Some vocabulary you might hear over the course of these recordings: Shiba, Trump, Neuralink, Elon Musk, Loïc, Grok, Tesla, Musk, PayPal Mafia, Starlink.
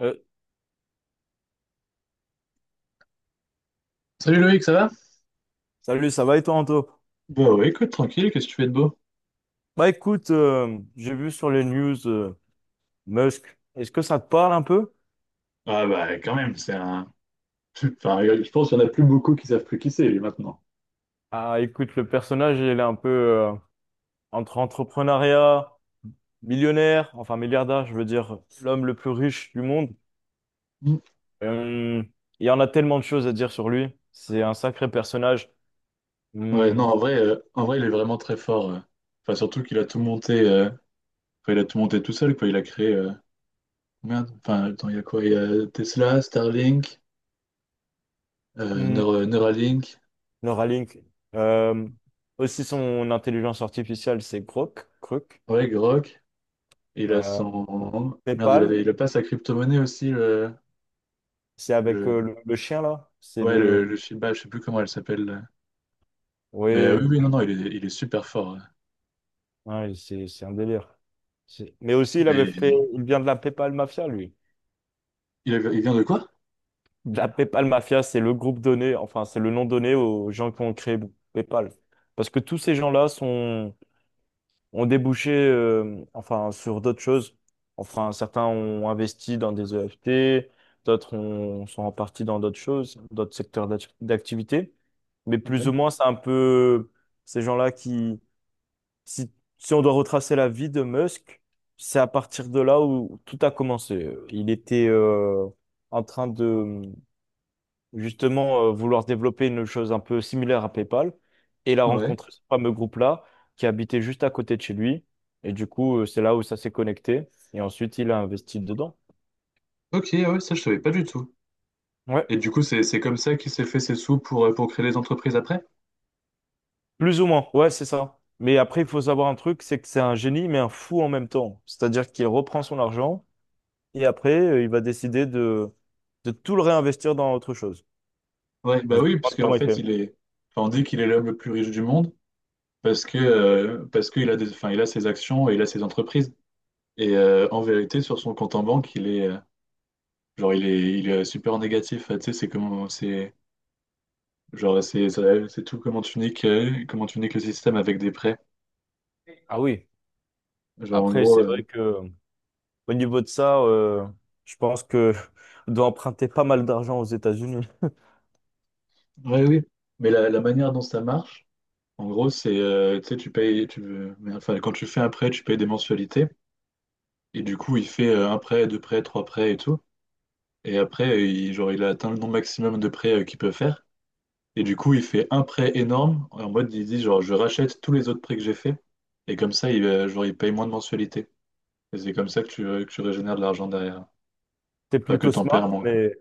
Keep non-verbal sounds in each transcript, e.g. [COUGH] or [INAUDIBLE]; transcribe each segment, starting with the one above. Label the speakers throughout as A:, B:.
A: Euh,
B: Salut Loïc, ça va?
A: Salut, ça va et toi, Anto?
B: Bah ouais, écoute, tranquille, qu'est-ce que tu fais de beau?
A: Bah écoute, j'ai vu sur les news Musk. Est-ce que ça te parle un peu?
B: Ah bah quand même, c'est un... [LAUGHS] Enfin, je pense qu'il n'y en a plus beaucoup qui savent plus qui c'est, lui, maintenant.
A: Ah écoute, le personnage, il est un peu entre entrepreneuriat, millionnaire, enfin milliardaire, je veux dire, l'homme le plus riche du monde.
B: Mm.
A: Euh, il y en a tellement de choses à dire sur lui. C'est un sacré personnage.
B: Ouais, non,
A: Hum,
B: en vrai, il est vraiment très fort. Enfin, surtout qu'il a tout monté, enfin, il a tout monté tout seul, quoi. Il a créé... Merde, enfin, attends, il y a quoi? Il y a Tesla, Starlink,
A: hum,
B: Neuralink,
A: Laura Link. Euh, aussi son intelligence artificielle, c'est Grok, Croc.
B: ouais, Grok. Il a
A: Euh,
B: son... Merde,
A: PayPal,
B: il a pas sa crypto-monnaie aussi,
A: c'est avec
B: le...
A: le chien là. C'est
B: Ouais,
A: le
B: le Shiba, je sais plus comment elle s'appelle là. Mais oui,
A: oui,
B: oui, non, non, il est super fort.
A: ouais, c'est un délire. Mais aussi,
B: Mais...
A: il vient de la PayPal Mafia, lui.
B: Il vient de quoi?
A: De La PayPal Mafia, c'est le groupe donné, enfin, c'est le nom donné aux gens qui ont créé PayPal. Parce que tous ces gens-là sont, ont débouché, enfin, sur d'autres choses. Enfin, certains ont investi dans des EFT, sont en partie dans d'autres choses, d'autres d'activité. Mais plus
B: Ouais.
A: ou moins, c'est un peu ces gens-là. Si, si on doit retracer la vie de Musk, c'est à partir de là où tout a commencé. Il était en train de justement vouloir développer une chose un peu similaire à PayPal et il a
B: Ouais.
A: rencontré ce fameux groupe-là qui habitait juste à côté de chez lui. Et du coup, c'est là où ça s'est connecté et ensuite il a investi dedans.
B: Ok, ouais, ça je savais pas du tout.
A: Ouais,
B: Et du coup, c'est comme ça qu'il s'est fait ses sous pour créer des entreprises après?
A: plus ou moins. Ouais, c'est ça. Mais après, il faut savoir un truc, c'est que c'est un génie, mais un fou en même temps. C'est-à-dire qu'il reprend son argent. Et après, il va décider de tout le réinvestir dans autre chose.
B: Ouais,
A: On
B: bah
A: se
B: oui, parce
A: demande
B: qu'en
A: comment il
B: fait,
A: fait.
B: il est. Enfin, on dit qu'il est l'homme le plus riche du monde parce que parce qu'il a des... enfin, il a ses actions et il a ses entreprises. Et en vérité, sur son compte en banque, il est genre il est super négatif. Ah, tu sais, c'est comment c'est, genre c'est c'est tout comment tu niques le système avec des prêts.
A: Ah oui.
B: Genre en
A: Après,
B: gros,
A: c'est vrai que au niveau de ça, je pense que [LAUGHS] on doit emprunter pas mal d'argent aux États-Unis.
B: ouais, oui. Mais la manière dont ça marche. En gros, c'est, tu sais, tu payes, tu veux, mais enfin, quand tu fais un prêt, tu payes des mensualités. Et du coup, il fait un prêt, deux prêts, trois prêts et tout. Et après, genre, il a atteint le nombre maximum de prêts qu'il peut faire. Et du coup, il fait un prêt énorme. En mode, il dit, genre, je rachète tous les autres prêts que j'ai faits. Et comme ça, genre, il paye moins de mensualités. Et c'est comme ça que que tu régénères de l'argent derrière.
A: C'est
B: Enfin, que
A: plutôt
B: t'en perds
A: smart,
B: moins, quoi.
A: mais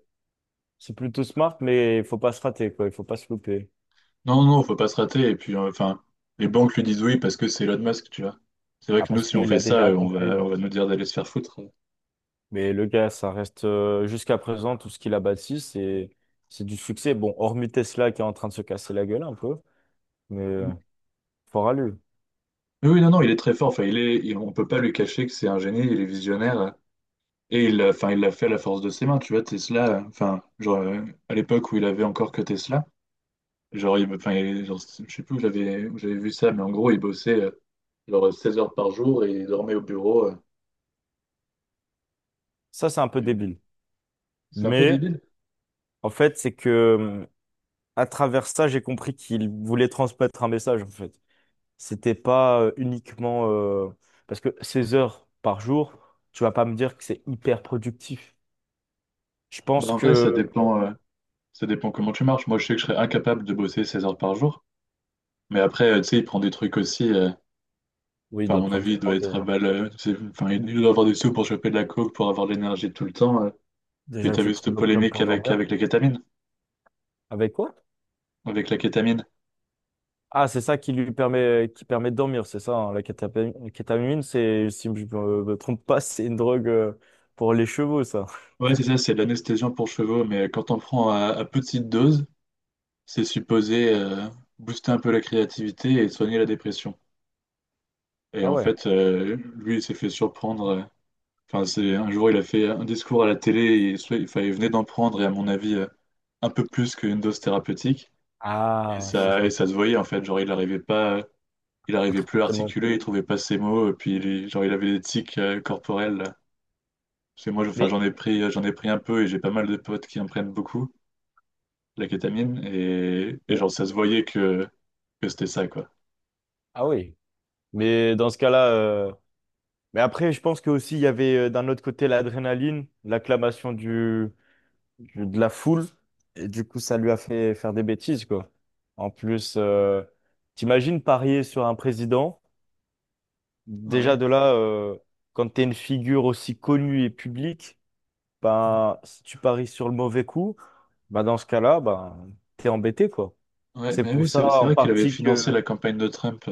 A: c'est plutôt smart, mais il faut pas se rater, quoi. Il faut pas se louper.
B: Non, non, non, faut pas se rater. Et puis, enfin, les banques lui disent oui parce que c'est Elon Musk, tu vois. C'est vrai
A: Ah,
B: que nous,
A: parce
B: si on
A: qu'il
B: fait
A: a
B: ça,
A: déjà accompli.
B: on va nous dire d'aller se faire foutre.
A: Mais le gars, ça reste jusqu'à présent tout ce qu'il a bâti, c'est du succès. Bon, hormis Tesla qui est en train de se casser la gueule un peu, mais fort à lui.
B: Oui, oui, non, non, il est très fort. Enfin, on peut pas lui cacher que c'est un génie, il est visionnaire. Et enfin, il l'a fait à la force de ses mains. Tu vois, Tesla, enfin, genre, à l'époque où il avait encore que Tesla, enfin, genre, je sais plus où j'avais vu ça, mais en gros, il bossait genre 16 heures par jour et il dormait au bureau.
A: Ça, c'est un peu
B: Et-
A: débile.
B: c'est un peu
A: Mais
B: débile.
A: en fait, c'est que à travers ça, j'ai compris qu'il voulait transmettre un message, en fait. C'était pas uniquement parce que 16 heures par jour, tu vas pas me dire que c'est hyper productif. Je
B: Ben,
A: pense
B: en vrai,
A: que
B: ça dépend comment tu marches. Moi, je sais que je serais incapable de bosser 16 heures par jour. Mais après, tu sais, il prend des trucs aussi.
A: oui, il
B: Enfin, à
A: doit
B: mon
A: prendre
B: avis, il doit
A: comment
B: être à
A: déjà.
B: balle. Enfin, il doit avoir des sous pour choper de la coke, pour avoir de l'énergie tout le temps. Puis
A: Déjà
B: t'as
A: qu'il
B: vu cette
A: prend de l'opium
B: polémique
A: pour dormir.
B: avec la kétamine?
A: Avec quoi?
B: Avec la kétamine.
A: Ah, c'est ça qui lui permet qui permet de dormir, c'est ça, hein, la kétamine, c'est si je me trompe pas, c'est une drogue pour les chevaux ça.
B: Ouais, c'est ça, c'est de l'anesthésiant pour chevaux, mais quand on prend à petite dose, c'est supposé booster un peu la créativité et soigner la dépression. Et
A: Ah
B: en
A: ouais.
B: fait, lui, il s'est fait surprendre. Enfin, c'est un jour, il a fait un discours à la télé, et, enfin, il venait d'en prendre, et à mon avis, un peu plus qu'une dose thérapeutique.
A: Ah, ça
B: Et
A: sera
B: ça se voyait, en fait. Genre, il n'arrivait pas, il
A: ah,
B: arrivait plus à articuler, il trouvait pas ses mots, et puis, genre, il avait des tics corporels. Parce que moi, enfin,
A: mais
B: j'en ai pris un peu et j'ai pas mal de potes qui en prennent beaucoup, la kétamine. Et
A: euh,
B: genre, ça se voyait que c'était ça, quoi.
A: ah oui. Mais dans ce cas-là, mais après, je pense que aussi il y avait d'un autre côté l'adrénaline, l'acclamation du, de la foule, et du coup ça lui a fait faire des bêtises quoi. En plus, t'imagines parier sur un président?
B: Ouais.
A: Déjà de là, quand t'es une figure aussi connue et publique, ben si tu paries sur le mauvais coup, ben dans ce cas-là, ben t'es embêté quoi.
B: Ouais,
A: C'est
B: mais
A: pour
B: oui, c'est
A: ça
B: c'est
A: en
B: vrai qu'il avait
A: partie que
B: financé la campagne de Trump.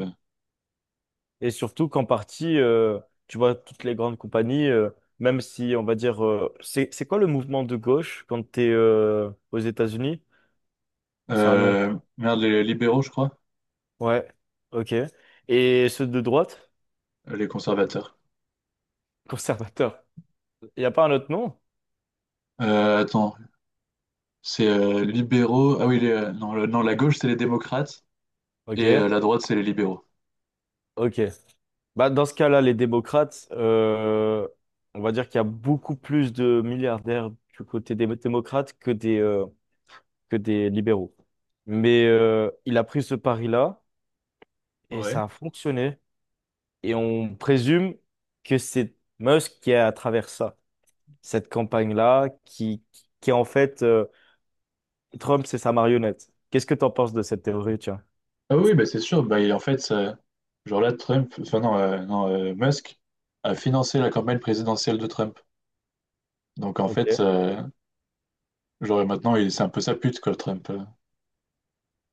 A: et surtout qu'en partie, tu vois, toutes les grandes compagnies, même si on va dire, c'est quoi le mouvement de gauche quand t'es aux États-Unis? C'est un nom.
B: Merde, les libéraux, je crois.
A: Ouais. Ok. Et ceux de droite?
B: Les conservateurs.
A: [LAUGHS] Conservateurs. Il n'y a pas un autre nom?
B: Attends, c'est libéraux. Ah oui, non, non, la gauche, c'est les démocrates et
A: Ok.
B: la droite, c'est les libéraux.
A: Ok. Bah, dans ce cas-là, les démocrates, on va dire qu'il y a beaucoup plus de milliardaires du côté des démocrates que des libéraux. Mais il a pris ce pari-là et
B: Ouais.
A: ça a fonctionné. Et on présume que c'est Musk qui est à travers ça, cette campagne-là, qui est en fait Trump, c'est sa marionnette. Qu'est-ce que tu en penses de cette théorie, tiens?
B: Ah oui, bah c'est sûr. Bah, et en fait, genre là, Trump, enfin non, non, Musk a financé la campagne présidentielle de Trump. Donc en fait,
A: Ok.
B: genre maintenant, c'est un peu sa pute, quoi, Trump.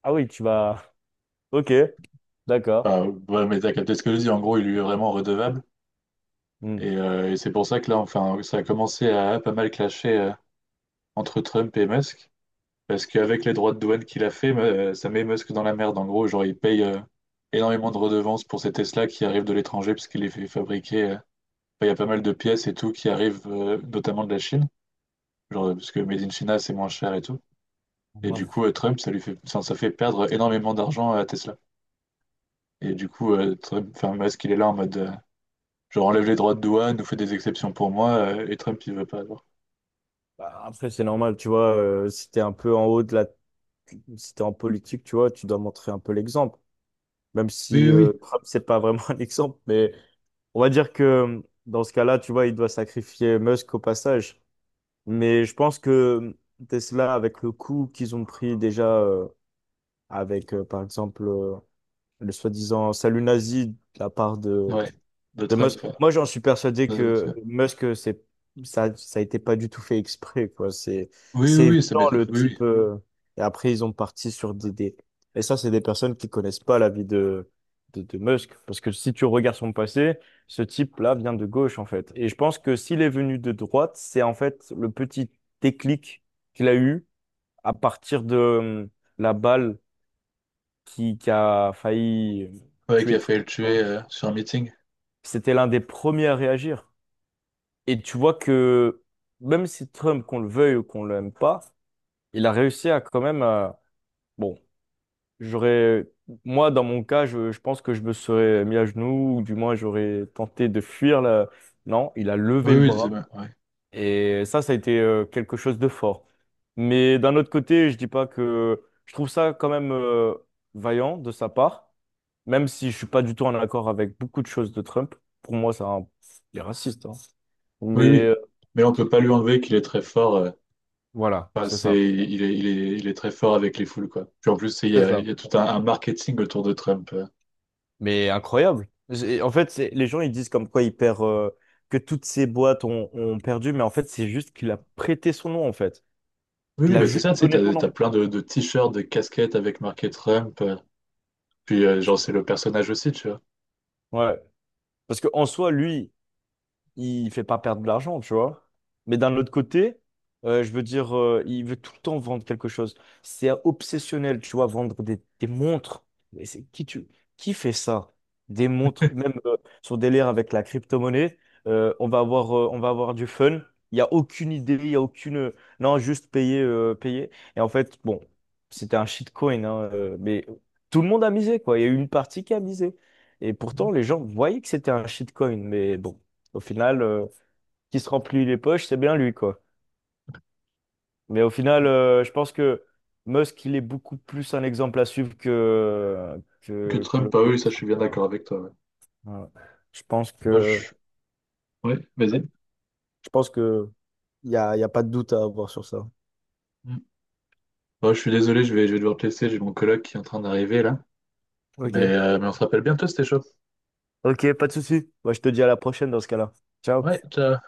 A: Ah oui, tu vas. [LAUGHS] Ok, d'accord.
B: Enfin, ouais, mais t'as capté ce que je dis, en gros, il lui est vraiment redevable.
A: Hmm.
B: Et c'est pour ça que là, enfin, ça a commencé à pas mal clasher entre Trump et Musk. Parce qu'avec les droits de douane qu'il a fait, ça met Musk dans la merde. En gros, genre, il paye énormément de redevances pour ces Tesla qui arrivent de l'étranger, parce qu'il les fait fabriquer. Enfin, il y a pas mal de pièces et tout qui arrivent notamment de la Chine. Genre, parce que Made in China, c'est moins cher et tout. Et du
A: Normal.
B: coup, Trump, ça lui fait, enfin, ça fait perdre énormément d'argent à Tesla. Et du coup, Trump, enfin, Musk, il est là en mode, genre, enlève les droits de douane, nous fait des exceptions pour moi, et Trump, il veut pas avoir.
A: Bah, après, c'est normal, tu vois, si t'es un peu en haut de la. Si t'es en politique, tu vois, tu dois montrer un peu l'exemple. Même si
B: Oui, oui,
A: Trump, c'est pas vraiment [LAUGHS] un exemple, mais on va dire que dans ce cas-là, tu vois, il doit sacrifier Musk au passage. Mais je pense que Tesla, avec le coup qu'ils ont pris déjà avec, par exemple, le soi-disant salut nazi de la part
B: oui. Ouais. De
A: de Musk.
B: Trump, ouais.
A: Moi, j'en suis persuadé
B: Non, de Musk, ouais.
A: que Musk, c'est ça, ça a été pas du tout fait exprès, quoi. C'est c'est évident le
B: Oui, oui.
A: type. Et après, ils ont parti sur des, et ça, c'est des personnes qui connaissent pas la vie de Musk, parce que si tu regardes son passé, ce type-là vient de gauche, en fait. Et je pense que s'il est venu de droite, c'est en fait le petit déclic qu'il a eu à partir de la balle qui a failli
B: Ouais, qui
A: tuer.
B: a
A: Trump,
B: failli le
A: tu
B: tuer
A: vois.
B: sur un meeting.
A: C'était l'un des premiers à réagir. Et tu vois que même si Trump, qu'on le veuille ou qu'on l'aime pas, il a réussi à quand même... Bon, j'aurais... Moi, dans mon cas, je pense que je me serais mis à genoux, ou du moins j'aurais tenté de fuir. Non, il a levé
B: Oui,
A: le
B: oui, c'est
A: bras.
B: bien, ouais.
A: Et ça a été quelque chose de fort. Mais d'un autre côté, je dis pas que... Je trouve ça quand même vaillant de sa part, même si je suis pas du tout en accord avec beaucoup de choses de Trump. Pour moi, c'est un... Il est raciste, hein.
B: Oui,
A: Mais
B: oui. Mais on peut pas lui enlever qu'il est très fort.
A: voilà,
B: Enfin,
A: c'est
B: c'est,
A: ça.
B: il est très fort avec les foules, quoi. Puis en plus,
A: C'est
B: il
A: ça.
B: y a tout un marketing autour de Trump.
A: Mais incroyable. En fait, les gens ils disent comme quoi il perd que toutes ces boîtes ont perdu, mais en fait, c'est juste qu'il a prêté son nom en fait.
B: Oui,
A: Il
B: oui,
A: a
B: bah c'est
A: juste
B: ça, tu sais,
A: donné son nom.
B: t'as plein de t-shirts, de casquettes avec marqué Trump. Puis, genre, c'est le personnage aussi, tu vois.
A: Ouais. Parce que en soi, lui, il fait pas perdre de l'argent, tu vois. Mais d'un autre côté, je veux dire, il veut tout le temps vendre quelque chose. C'est obsessionnel, tu vois, vendre des montres. Mais c'est qui tu qui fait ça? Des montres, même son délire avec la crypto-monnaie, on va avoir du fun. Il n'y a aucune idée, il n'y a aucune. Non, juste payer, payer. Et en fait, bon, c'était un shitcoin, hein, mais tout le monde a misé, quoi. Il y a eu une partie qui a misé. Et pourtant, les gens voyaient que c'était un shitcoin, mais bon. Au final, qui se remplit les poches, c'est bien lui, quoi. Mais au final, je pense que Musk, il est beaucoup plus un exemple à suivre que,
B: Que
A: que le
B: Trump, ah oui,
A: collègue
B: ça, je suis
A: Trump.
B: bien
A: Voilà.
B: d'accord avec toi. Ouais,
A: Voilà. Je pense
B: moi, je...
A: que,
B: ouais, vas-y.
A: je pense que y a pas de doute à avoir sur ça.
B: Mm. Moi, je suis désolé, je vais devoir te laisser, j'ai mon coloc qui est en train d'arriver, là.
A: Ok.
B: Mais on se rappelle bientôt, c'était chaud.
A: Ok, pas de souci. Moi, je te dis à la prochaine dans ce cas-là. Ciao.
B: Ouais, ciao.